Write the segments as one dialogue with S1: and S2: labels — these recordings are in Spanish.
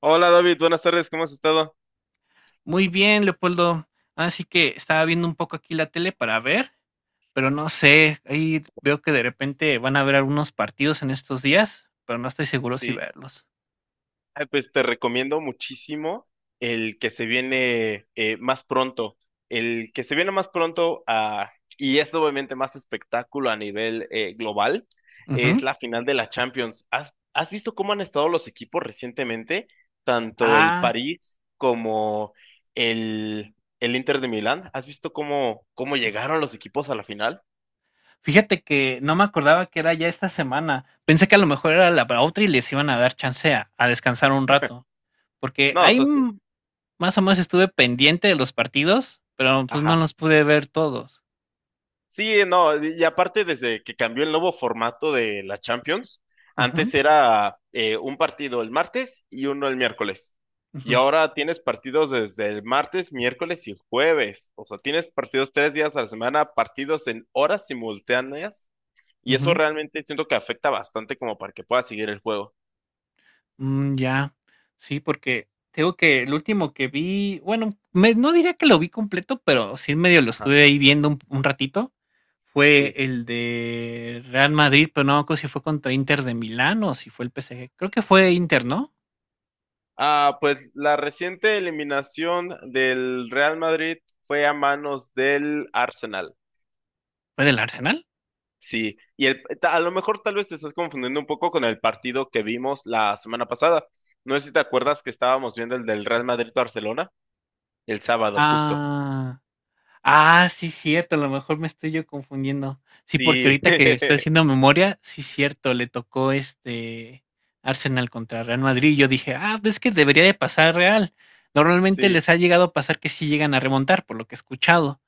S1: Hola David, buenas tardes, ¿cómo has estado?
S2: Muy bien, Leopoldo. Así que estaba viendo un poco aquí la tele para ver, pero no sé, ahí veo que de repente van a haber algunos partidos en estos días, pero no estoy seguro si
S1: Sí.
S2: verlos.
S1: Ay, pues te recomiendo muchísimo el que se viene más pronto. El que se viene más pronto, y es obviamente más espectáculo a nivel global,
S2: Ujú.
S1: es la final de la Champions. ¿Has visto cómo han estado los equipos recientemente? Tanto el
S2: Ah,
S1: París como el, el Inter de Milán. ¿Has visto cómo llegaron los equipos a la final?
S2: fíjate que no me acordaba que era ya esta semana. Pensé que a lo mejor era la para otra y les iban a dar chance a descansar un rato, porque
S1: No,
S2: ahí
S1: entonces,
S2: más o menos estuve pendiente de los partidos, pero pues no los pude ver todos.
S1: sí, no, y aparte desde que cambió el nuevo formato de la Champions,
S2: Ujú,
S1: antes era un partido el martes y uno el miércoles. Y
S2: ujú,
S1: ahora tienes partidos desde el martes, miércoles y jueves. O sea, tienes partidos tres días a la semana, partidos en horas simultáneas. Y eso
S2: ujú.
S1: realmente siento que afecta bastante como para que puedas seguir el juego.
S2: Mm, ya. Sí, porque tengo que el último que vi, bueno, no diría que lo vi completo, pero sí medio lo
S1: Ajá,
S2: estuve ahí viendo un ratito. Fue
S1: sí.
S2: el de Real Madrid, pero no me acuerdo si fue contra Inter de Milán o si fue el PSG. Creo que fue Inter, ¿no?
S1: Ah, pues la reciente eliminación del Real Madrid fue a manos del Arsenal.
S2: ¿Fue del Arsenal?
S1: Sí, a lo mejor tal vez te estás confundiendo un poco con el partido que vimos la semana pasada. No sé si te acuerdas que estábamos viendo el del Real Madrid-Barcelona el sábado, justo.
S2: Ah. Ah, sí, cierto, a lo mejor me estoy yo confundiendo. Sí, porque
S1: Sí,
S2: ahorita que estoy haciendo memoria, sí, cierto, le tocó este Arsenal contra Real Madrid. Y yo dije, ah, ves que debería de pasar Real. Normalmente
S1: sí,
S2: les ha llegado a pasar que sí llegan a remontar, por lo que he escuchado.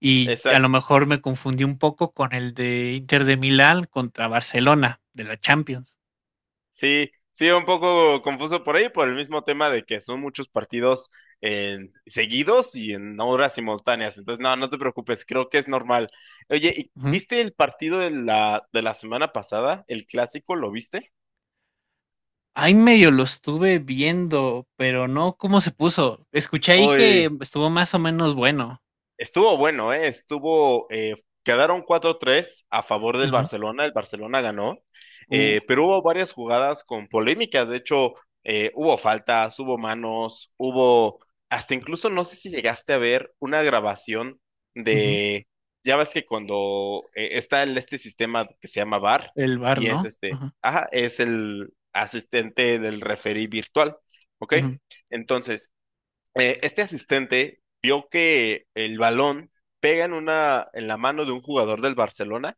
S2: Y a lo
S1: exacto.
S2: mejor me confundí un poco con el de Inter de Milán contra Barcelona de la Champions.
S1: Sí, sí, un poco confuso por ahí, por el mismo tema de que son muchos partidos seguidos y en horas simultáneas. Entonces, no, no te preocupes, creo que es normal. Oye,
S2: Ujú.
S1: ¿viste el partido de de la semana pasada? ¿El clásico? ¿Lo viste?
S2: Ahí medio lo estuve viendo, pero no cómo se puso. Escuché ahí que
S1: Uy.
S2: estuvo más o menos bueno.
S1: Estuvo bueno, ¿eh? Estuvo, quedaron cuatro tres a favor del Barcelona, el Barcelona ganó,
S2: Ujú.
S1: pero hubo varias jugadas con polémicas, de hecho, hubo faltas, hubo manos, hubo, hasta incluso no sé si llegaste a ver una grabación
S2: Ujú.
S1: de, ya ves que cuando está en este sistema que se llama VAR,
S2: El bar,
S1: y es
S2: ¿no?
S1: este,
S2: Ujú,
S1: ajá, es el asistente del referee virtual, ¿ok?
S2: ujú,
S1: Entonces, este asistente vio que el balón pega en en la mano de un jugador del Barcelona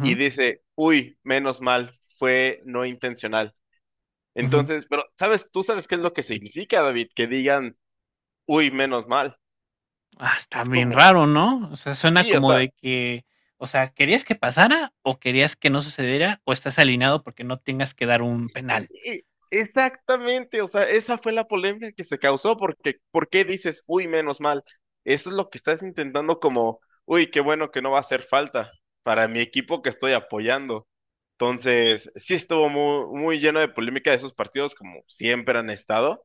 S1: y dice, uy, menos mal, fue no intencional.
S2: ujú.
S1: Entonces, pero sabes, tú sabes qué es lo que significa, David, que digan, uy, menos mal.
S2: Ah, está
S1: Es
S2: bien
S1: como,
S2: raro, ¿no? O sea, suena
S1: sí, o
S2: como
S1: sea,
S2: de que, o sea, ¿querías que pasara o querías que no sucediera o estás alineado porque no tengas que dar un
S1: y-
S2: penal?
S1: y- exactamente, o sea, esa fue la polémica que se causó, porque ¿por qué dices, uy, menos mal? Eso es lo que estás intentando como, uy, qué bueno que no va a hacer falta para mi equipo que estoy apoyando. Entonces, sí estuvo muy, muy lleno de polémica esos partidos, como siempre han estado.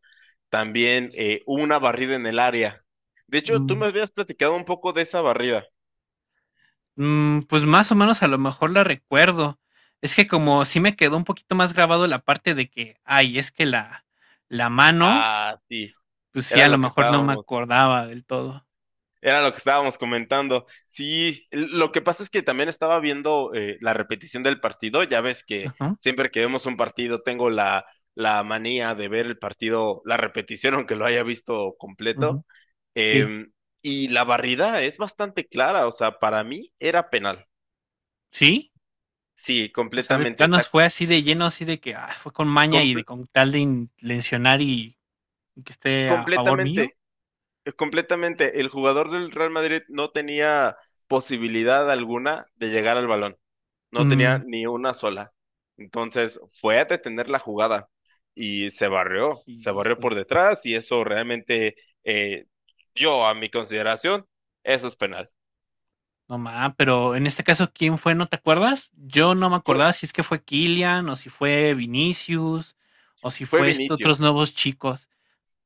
S1: También hubo una barrida en el área. De hecho, tú
S2: Mm.
S1: me habías platicado un poco de esa barrida.
S2: Mm, pues más o menos a lo mejor la recuerdo. Es que como sí me quedó un poquito más grabado la parte de que, ay, es que la mano,
S1: Ah, sí,
S2: pues sí,
S1: era
S2: a lo
S1: lo que
S2: mejor no me
S1: estábamos.
S2: acordaba del todo.
S1: Era lo que estábamos comentando. Sí, lo que pasa es que también estaba viendo la repetición del partido. Ya ves que
S2: Ajá,
S1: siempre que vemos un partido tengo la, la manía de ver el partido, la repetición, aunque lo haya visto completo.
S2: ujú, sí,
S1: Eh, y la barrida es bastante clara. O sea, para mí era penal.
S2: sí.
S1: Sí,
S2: O sea, de
S1: completamente.
S2: planos fue así de lleno, así de que ah, fue con maña y de
S1: Comple-
S2: con tal de intencionar y que esté a favor mío.
S1: completamente, completamente. El jugador del Real Madrid no tenía posibilidad alguna de llegar al balón. No tenía
S2: Mm,
S1: ni una sola. Entonces fue a detener la jugada y se barrió
S2: híjole.
S1: por detrás y eso realmente, eh, yo a mi consideración, eso es penal.
S2: No más, pero en este caso, ¿quién fue? ¿No te acuerdas? Yo no me
S1: Fue,
S2: acordaba si es que fue Kylian o si fue Vinicius o si
S1: fue
S2: fue estos
S1: Vinicius,
S2: otros nuevos chicos.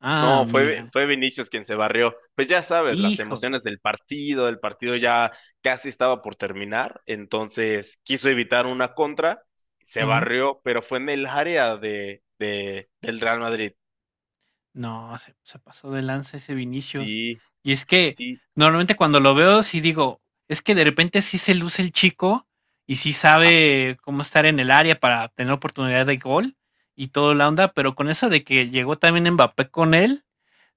S2: Ah,
S1: no,
S2: mira.
S1: fue Vinicius quien se barrió. Pues ya sabes, las
S2: Híjole.
S1: emociones del partido, el partido ya casi estaba por terminar, entonces quiso evitar una contra, se barrió, pero fue en el área del Real Madrid.
S2: No, se pasó de lanza ese Vinicius.
S1: Sí,
S2: Y es que
S1: sí,
S2: normalmente cuando lo veo, sí digo, es que de repente sí se luce el chico y sí
S1: ajá,
S2: sabe cómo estar en el área para tener oportunidad de gol y todo la onda, pero con eso de que llegó también Mbappé con él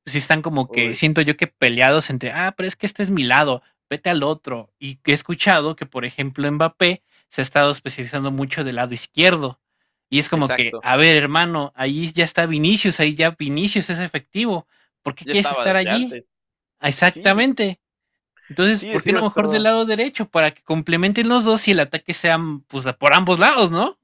S2: sí están como que
S1: uy,
S2: siento yo que peleados entre, ah, pero es que este es mi lado, vete al otro. Y he escuchado que, por ejemplo, Mbappé se ha estado especializando mucho del lado izquierdo. Y es como que,
S1: exacto.
S2: a ver, hermano, ahí ya está Vinicius, ahí ya Vinicius es efectivo. ¿Por qué
S1: Ya
S2: quieres
S1: estaba
S2: estar
S1: desde
S2: allí?
S1: antes. Sí,
S2: Exactamente. Entonces,
S1: sí,
S2: ¿por qué
S1: sí,
S2: no mejor del
S1: estaba.
S2: lado derecho? Para que complementen los dos y el ataque sea pues, por ambos lados, ¿no?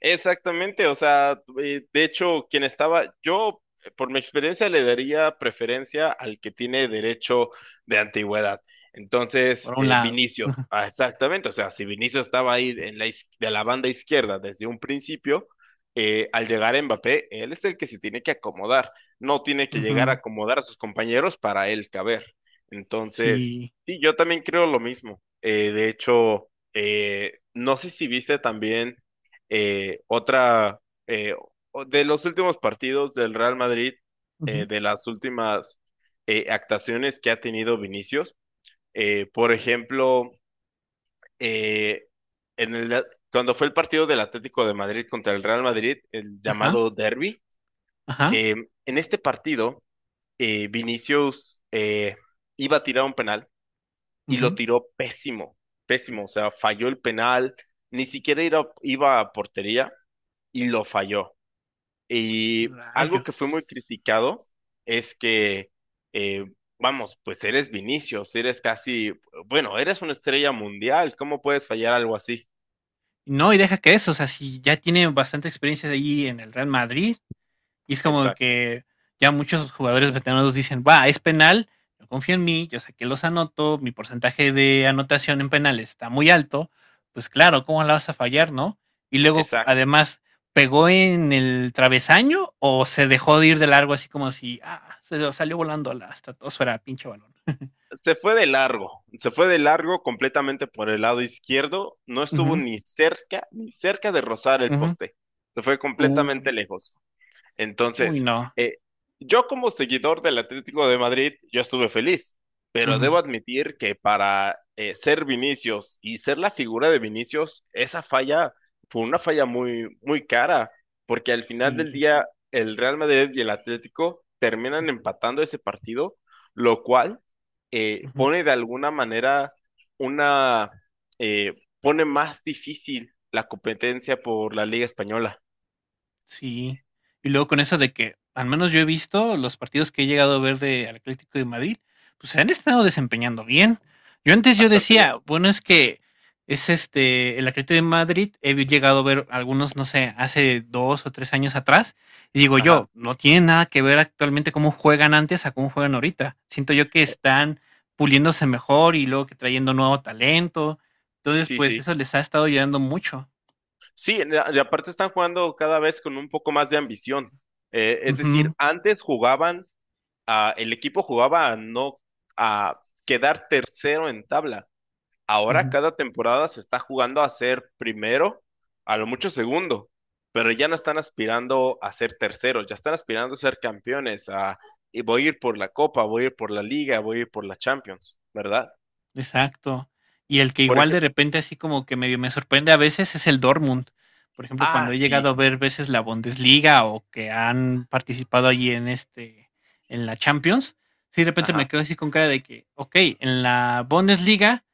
S1: Exactamente, o sea, de hecho, quien estaba, yo por mi experiencia le daría preferencia al que tiene derecho de antigüedad. Entonces,
S2: Por un lado.
S1: Vinicius, ah, exactamente, o sea, si Vinicius estaba ahí en de la banda izquierda desde un principio, al llegar Mbappé, él es el que se tiene que acomodar, no tiene
S2: Uh
S1: que llegar a
S2: -huh.
S1: acomodar a sus compañeros para él caber. Entonces,
S2: Sí.
S1: sí, yo también creo lo mismo. De hecho, no sé si viste también. Eh, otra, eh, de los últimos partidos del Real Madrid,
S2: Uh -huh.
S1: de las últimas actuaciones que ha tenido Vinicius, por ejemplo, eh, en el, cuando fue el partido del Atlético de Madrid contra el Real Madrid, el
S2: Ajá.
S1: llamado Derby,
S2: Ajá.
S1: eh, en este partido, Vinicius iba a tirar un penal
S2: Uh
S1: y lo
S2: -huh.
S1: tiró pésimo, pésimo, o sea, falló el penal, ni siquiera iba a portería y lo falló. Y algo que
S2: Rayos.
S1: fue muy criticado es que, eh, vamos, pues eres Vinicius, eres casi, bueno, eres una estrella mundial, ¿cómo puedes fallar algo así?
S2: No, y deja que eso, o sea, si ya tiene bastante experiencia ahí en el Real Madrid, y es como
S1: Exacto,
S2: que ya muchos jugadores veteranos dicen, va, es penal, yo confío en mí, yo sé que los anoto, mi porcentaje de anotación en penales está muy alto, pues claro, ¿cómo la vas a fallar, no? Y luego,
S1: exacto.
S2: además, ¿pegó en el travesaño o se dejó de ir de largo así como si, ah, se salió volando a la estratosfera, pinche balón?
S1: Se fue de largo, se fue de largo completamente por el lado izquierdo, no estuvo
S2: Ujú,
S1: ni cerca, ni cerca de rozar el
S2: ujú.
S1: poste, se fue
S2: Uh,
S1: completamente lejos.
S2: uy,
S1: Entonces,
S2: no.
S1: eh, yo como seguidor del Atlético de Madrid, yo estuve feliz, pero debo
S2: Ujú,
S1: admitir que para ser Vinicius y ser la figura de Vinicius, esa falla fue una falla muy, muy cara, porque al final del
S2: sí.
S1: día el Real Madrid y el Atlético terminan empatando ese partido, lo cual pone de alguna manera una, eh, pone más difícil la competencia por la Liga Española.
S2: Sí. Y luego con eso de que, al menos yo he visto los partidos que he llegado a ver de al Atlético de Madrid, pues se han estado desempeñando bien. Yo antes yo
S1: Bastante
S2: decía,
S1: bien.
S2: bueno, es que es este, el Atlético de Madrid, llegado a ver algunos, no sé, hace dos o tres años atrás, y digo
S1: Ajá.
S2: yo, no tiene nada que ver actualmente cómo juegan antes a cómo juegan ahorita. Siento yo que están puliéndose mejor y luego que trayendo nuevo talento. Entonces,
S1: Sí,
S2: pues
S1: sí.
S2: eso les ha estado ayudando mucho.
S1: Sí, y aparte están jugando cada vez con un poco más de ambición. Es
S2: Ujú,
S1: decir, antes jugaban, el equipo jugaba a no a quedar tercero en tabla. Ahora
S2: ujú.
S1: cada temporada se está jugando a ser primero, a lo mucho segundo, pero ya no están aspirando a ser terceros, ya están aspirando a ser campeones, a y voy a ir por la Copa, voy a ir por la Liga, voy a ir por la Champions, ¿verdad?
S2: Exacto. Y el que
S1: Por
S2: igual de
S1: ejemplo,
S2: repente así como que medio me sorprende a veces es el Dortmund. Por ejemplo, cuando
S1: ah,
S2: he llegado
S1: sí,
S2: a ver veces la Bundesliga o que han participado allí en la Champions, sí de repente me
S1: ajá,
S2: quedo así con cara de que, ok, en la Bundesliga,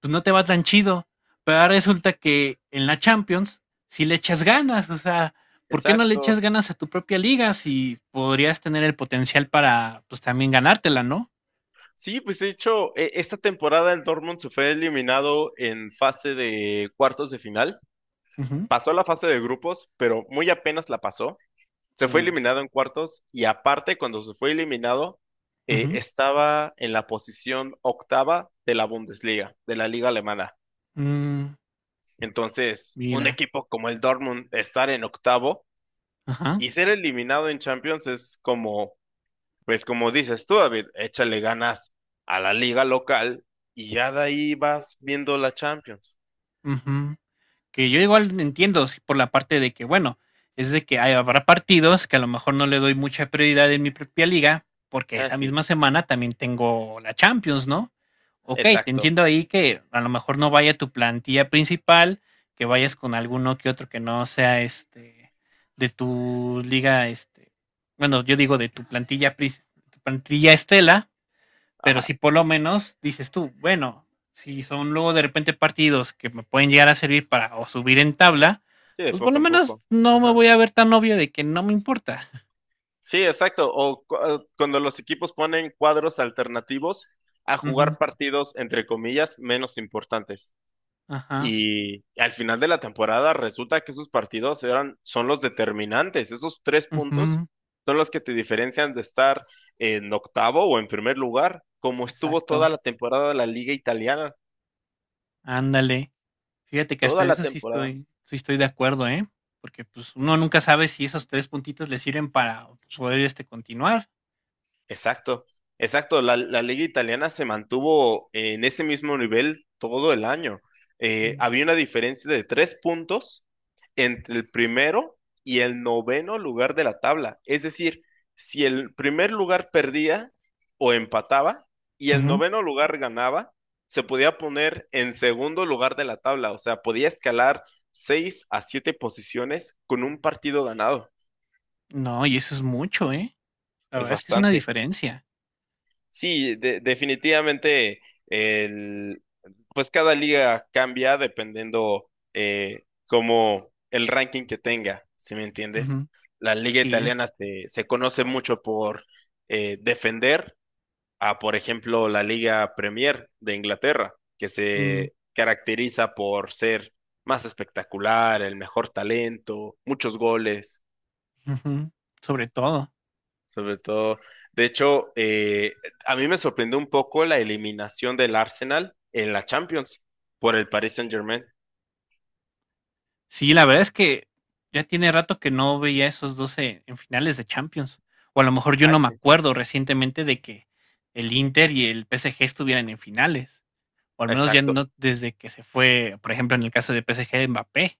S2: pues no te va tan chido, pero ahora resulta que en la Champions sí le echas ganas, o sea, ¿por qué no le
S1: exacto.
S2: echas ganas a tu propia liga si podrías tener el potencial para, pues también ganártela, ¿no?
S1: Sí, pues de hecho, esta temporada el Dortmund se fue eliminado en fase de cuartos de final.
S2: Ujú,
S1: Pasó la fase de grupos, pero muy apenas la pasó. Se fue
S2: u-
S1: eliminado en cuartos y aparte, cuando se fue eliminado,
S2: ujú.
S1: estaba en la posición octava de la Bundesliga, de la liga alemana.
S2: Mm,
S1: Entonces, un
S2: mira,
S1: equipo como el Dortmund estar en octavo
S2: ajá,
S1: y ser eliminado en Champions es como pues como dices tú, David, échale ganas a la liga local y ya de ahí vas viendo la Champions.
S2: ujú. Que yo igual entiendo sí, por la parte de que, bueno, es de que habrá partidos que a lo mejor no le doy mucha prioridad en mi propia liga, porque
S1: Ah,
S2: esa
S1: sí,
S2: misma semana también tengo la Champions, ¿no? Ok, te
S1: exacto.
S2: entiendo ahí que a lo mejor no vaya tu plantilla principal, que vayas con alguno que otro que no sea este de tu liga, este, bueno, yo digo de tu plantilla, tu plantilla estela. Pero si
S1: Ajá.
S2: por lo menos dices tú, bueno, si son luego de repente partidos que me pueden llegar a servir para o subir en tabla,
S1: Sí, de
S2: pues por
S1: poco
S2: lo
S1: en
S2: menos
S1: poco.
S2: no me
S1: Ajá.
S2: voy a ver tan obvio de que no me importa.
S1: Sí, exacto. Cuando los equipos ponen cuadros alternativos a
S2: Ujú,
S1: jugar partidos, entre comillas, menos importantes.
S2: ajá,
S1: Y al final de la temporada resulta que esos partidos son los determinantes. Esos tres puntos
S2: ujú,
S1: son los que te diferencian de estar en octavo o en primer lugar, como estuvo toda
S2: exacto.
S1: la temporada de la Liga Italiana,
S2: Ándale. Fíjate que hasta
S1: toda
S2: en
S1: la
S2: eso sí
S1: temporada.
S2: estoy, sí estoy de acuerdo, ¿eh? Porque pues uno nunca sabe si esos tres puntitos le sirven para pues, poder este continuar.
S1: Exacto, exacto. La liga italiana se mantuvo en ese mismo nivel todo el año.
S2: Mm,
S1: Había una diferencia de tres puntos entre el primero y el noveno lugar de la tabla. Es decir, si el primer lugar perdía o empataba y el
S2: ujú.
S1: noveno lugar ganaba, se podía poner en segundo lugar de la tabla. O sea, podía escalar seis a siete posiciones con un partido ganado.
S2: No, y eso es mucho, ¿eh? La
S1: Es
S2: verdad es que es una
S1: bastante.
S2: diferencia.
S1: Sí, definitivamente el, pues cada liga cambia dependiendo como el ranking que tenga, si me entiendes?
S2: Ujú,
S1: La liga
S2: sí.
S1: italiana se conoce mucho por defender a, por ejemplo, la liga Premier de Inglaterra, que
S2: Mm.
S1: se caracteriza por ser más espectacular, el mejor talento, muchos goles.
S2: Ujú, sobre todo.
S1: Sobre todo, de hecho, a mí me sorprendió un poco la eliminación del Arsenal en la Champions por el Paris Saint-Germain.
S2: Sí, la verdad es que ya tiene rato que no veía esos 2 en finales de Champions, o a lo mejor yo no
S1: Ay,
S2: me
S1: sí.
S2: acuerdo recientemente de que el Inter y el PSG estuvieran en finales, o al menos ya
S1: Exacto,
S2: no desde que se fue, por ejemplo, en el caso de PSG, Mbappé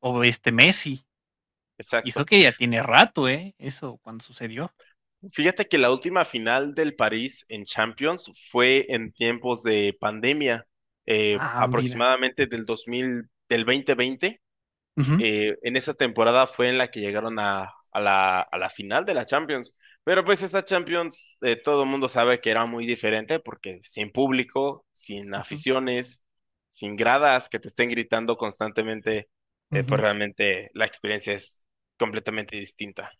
S2: o, este, Messi, y eso
S1: exacto.
S2: que ya tiene rato, ¿eh? Eso cuando sucedió.
S1: Fíjate que la última final del París en Champions fue en tiempos de pandemia,
S2: Ah, mira.
S1: aproximadamente del 2020.
S2: Ujú,
S1: Eh, en esa temporada fue en la que llegaron a la final de la Champions. Pero pues esa Champions, todo el mundo sabe que era muy diferente porque sin público, sin
S2: ujú,
S1: aficiones, sin gradas que te estén gritando constantemente, pues
S2: ujú.
S1: realmente la experiencia es completamente distinta.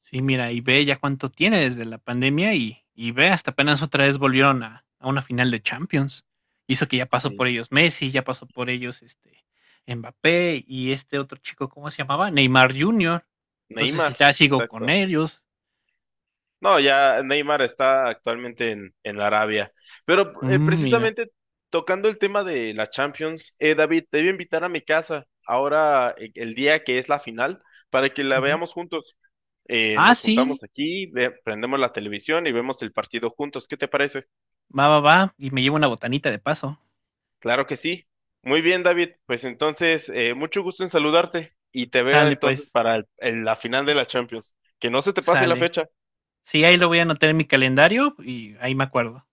S2: Sí, mira, y ve ya cuánto tiene desde la pandemia y ve, hasta apenas otra vez volvieron a una final de Champions. Hizo que ya pasó por
S1: Sí.
S2: ellos Messi, ya pasó por ellos este Mbappé y este otro chico, ¿cómo se llamaba? Neymar Jr. No sé si
S1: Neymar,
S2: está sigo con
S1: exacto.
S2: ellos.
S1: No, ya Neymar está actualmente en Arabia. Pero
S2: Mm, mira.
S1: precisamente tocando el tema de la Champions, David, te voy a invitar a mi casa ahora el día que es la final para que la
S2: Ujú.
S1: veamos juntos.
S2: Ah,
S1: Nos juntamos
S2: sí,
S1: aquí, prendemos la televisión y vemos el partido juntos. ¿Qué te parece?
S2: va, va, va. Y me llevo una botanita de paso.
S1: Claro que sí. Muy bien, David. Pues entonces, mucho gusto en saludarte y te veo
S2: Sale,
S1: entonces
S2: pues,
S1: para la final de la Champions. Que no se te pase la
S2: sale.
S1: fecha.
S2: Sí, ahí lo voy a anotar en mi calendario y ahí me acuerdo.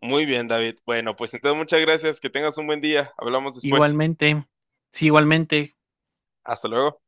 S1: Muy bien, David. Bueno, pues entonces muchas gracias. Que tengas un buen día. Hablamos después.
S2: Igualmente, sí, igualmente.
S1: Hasta luego.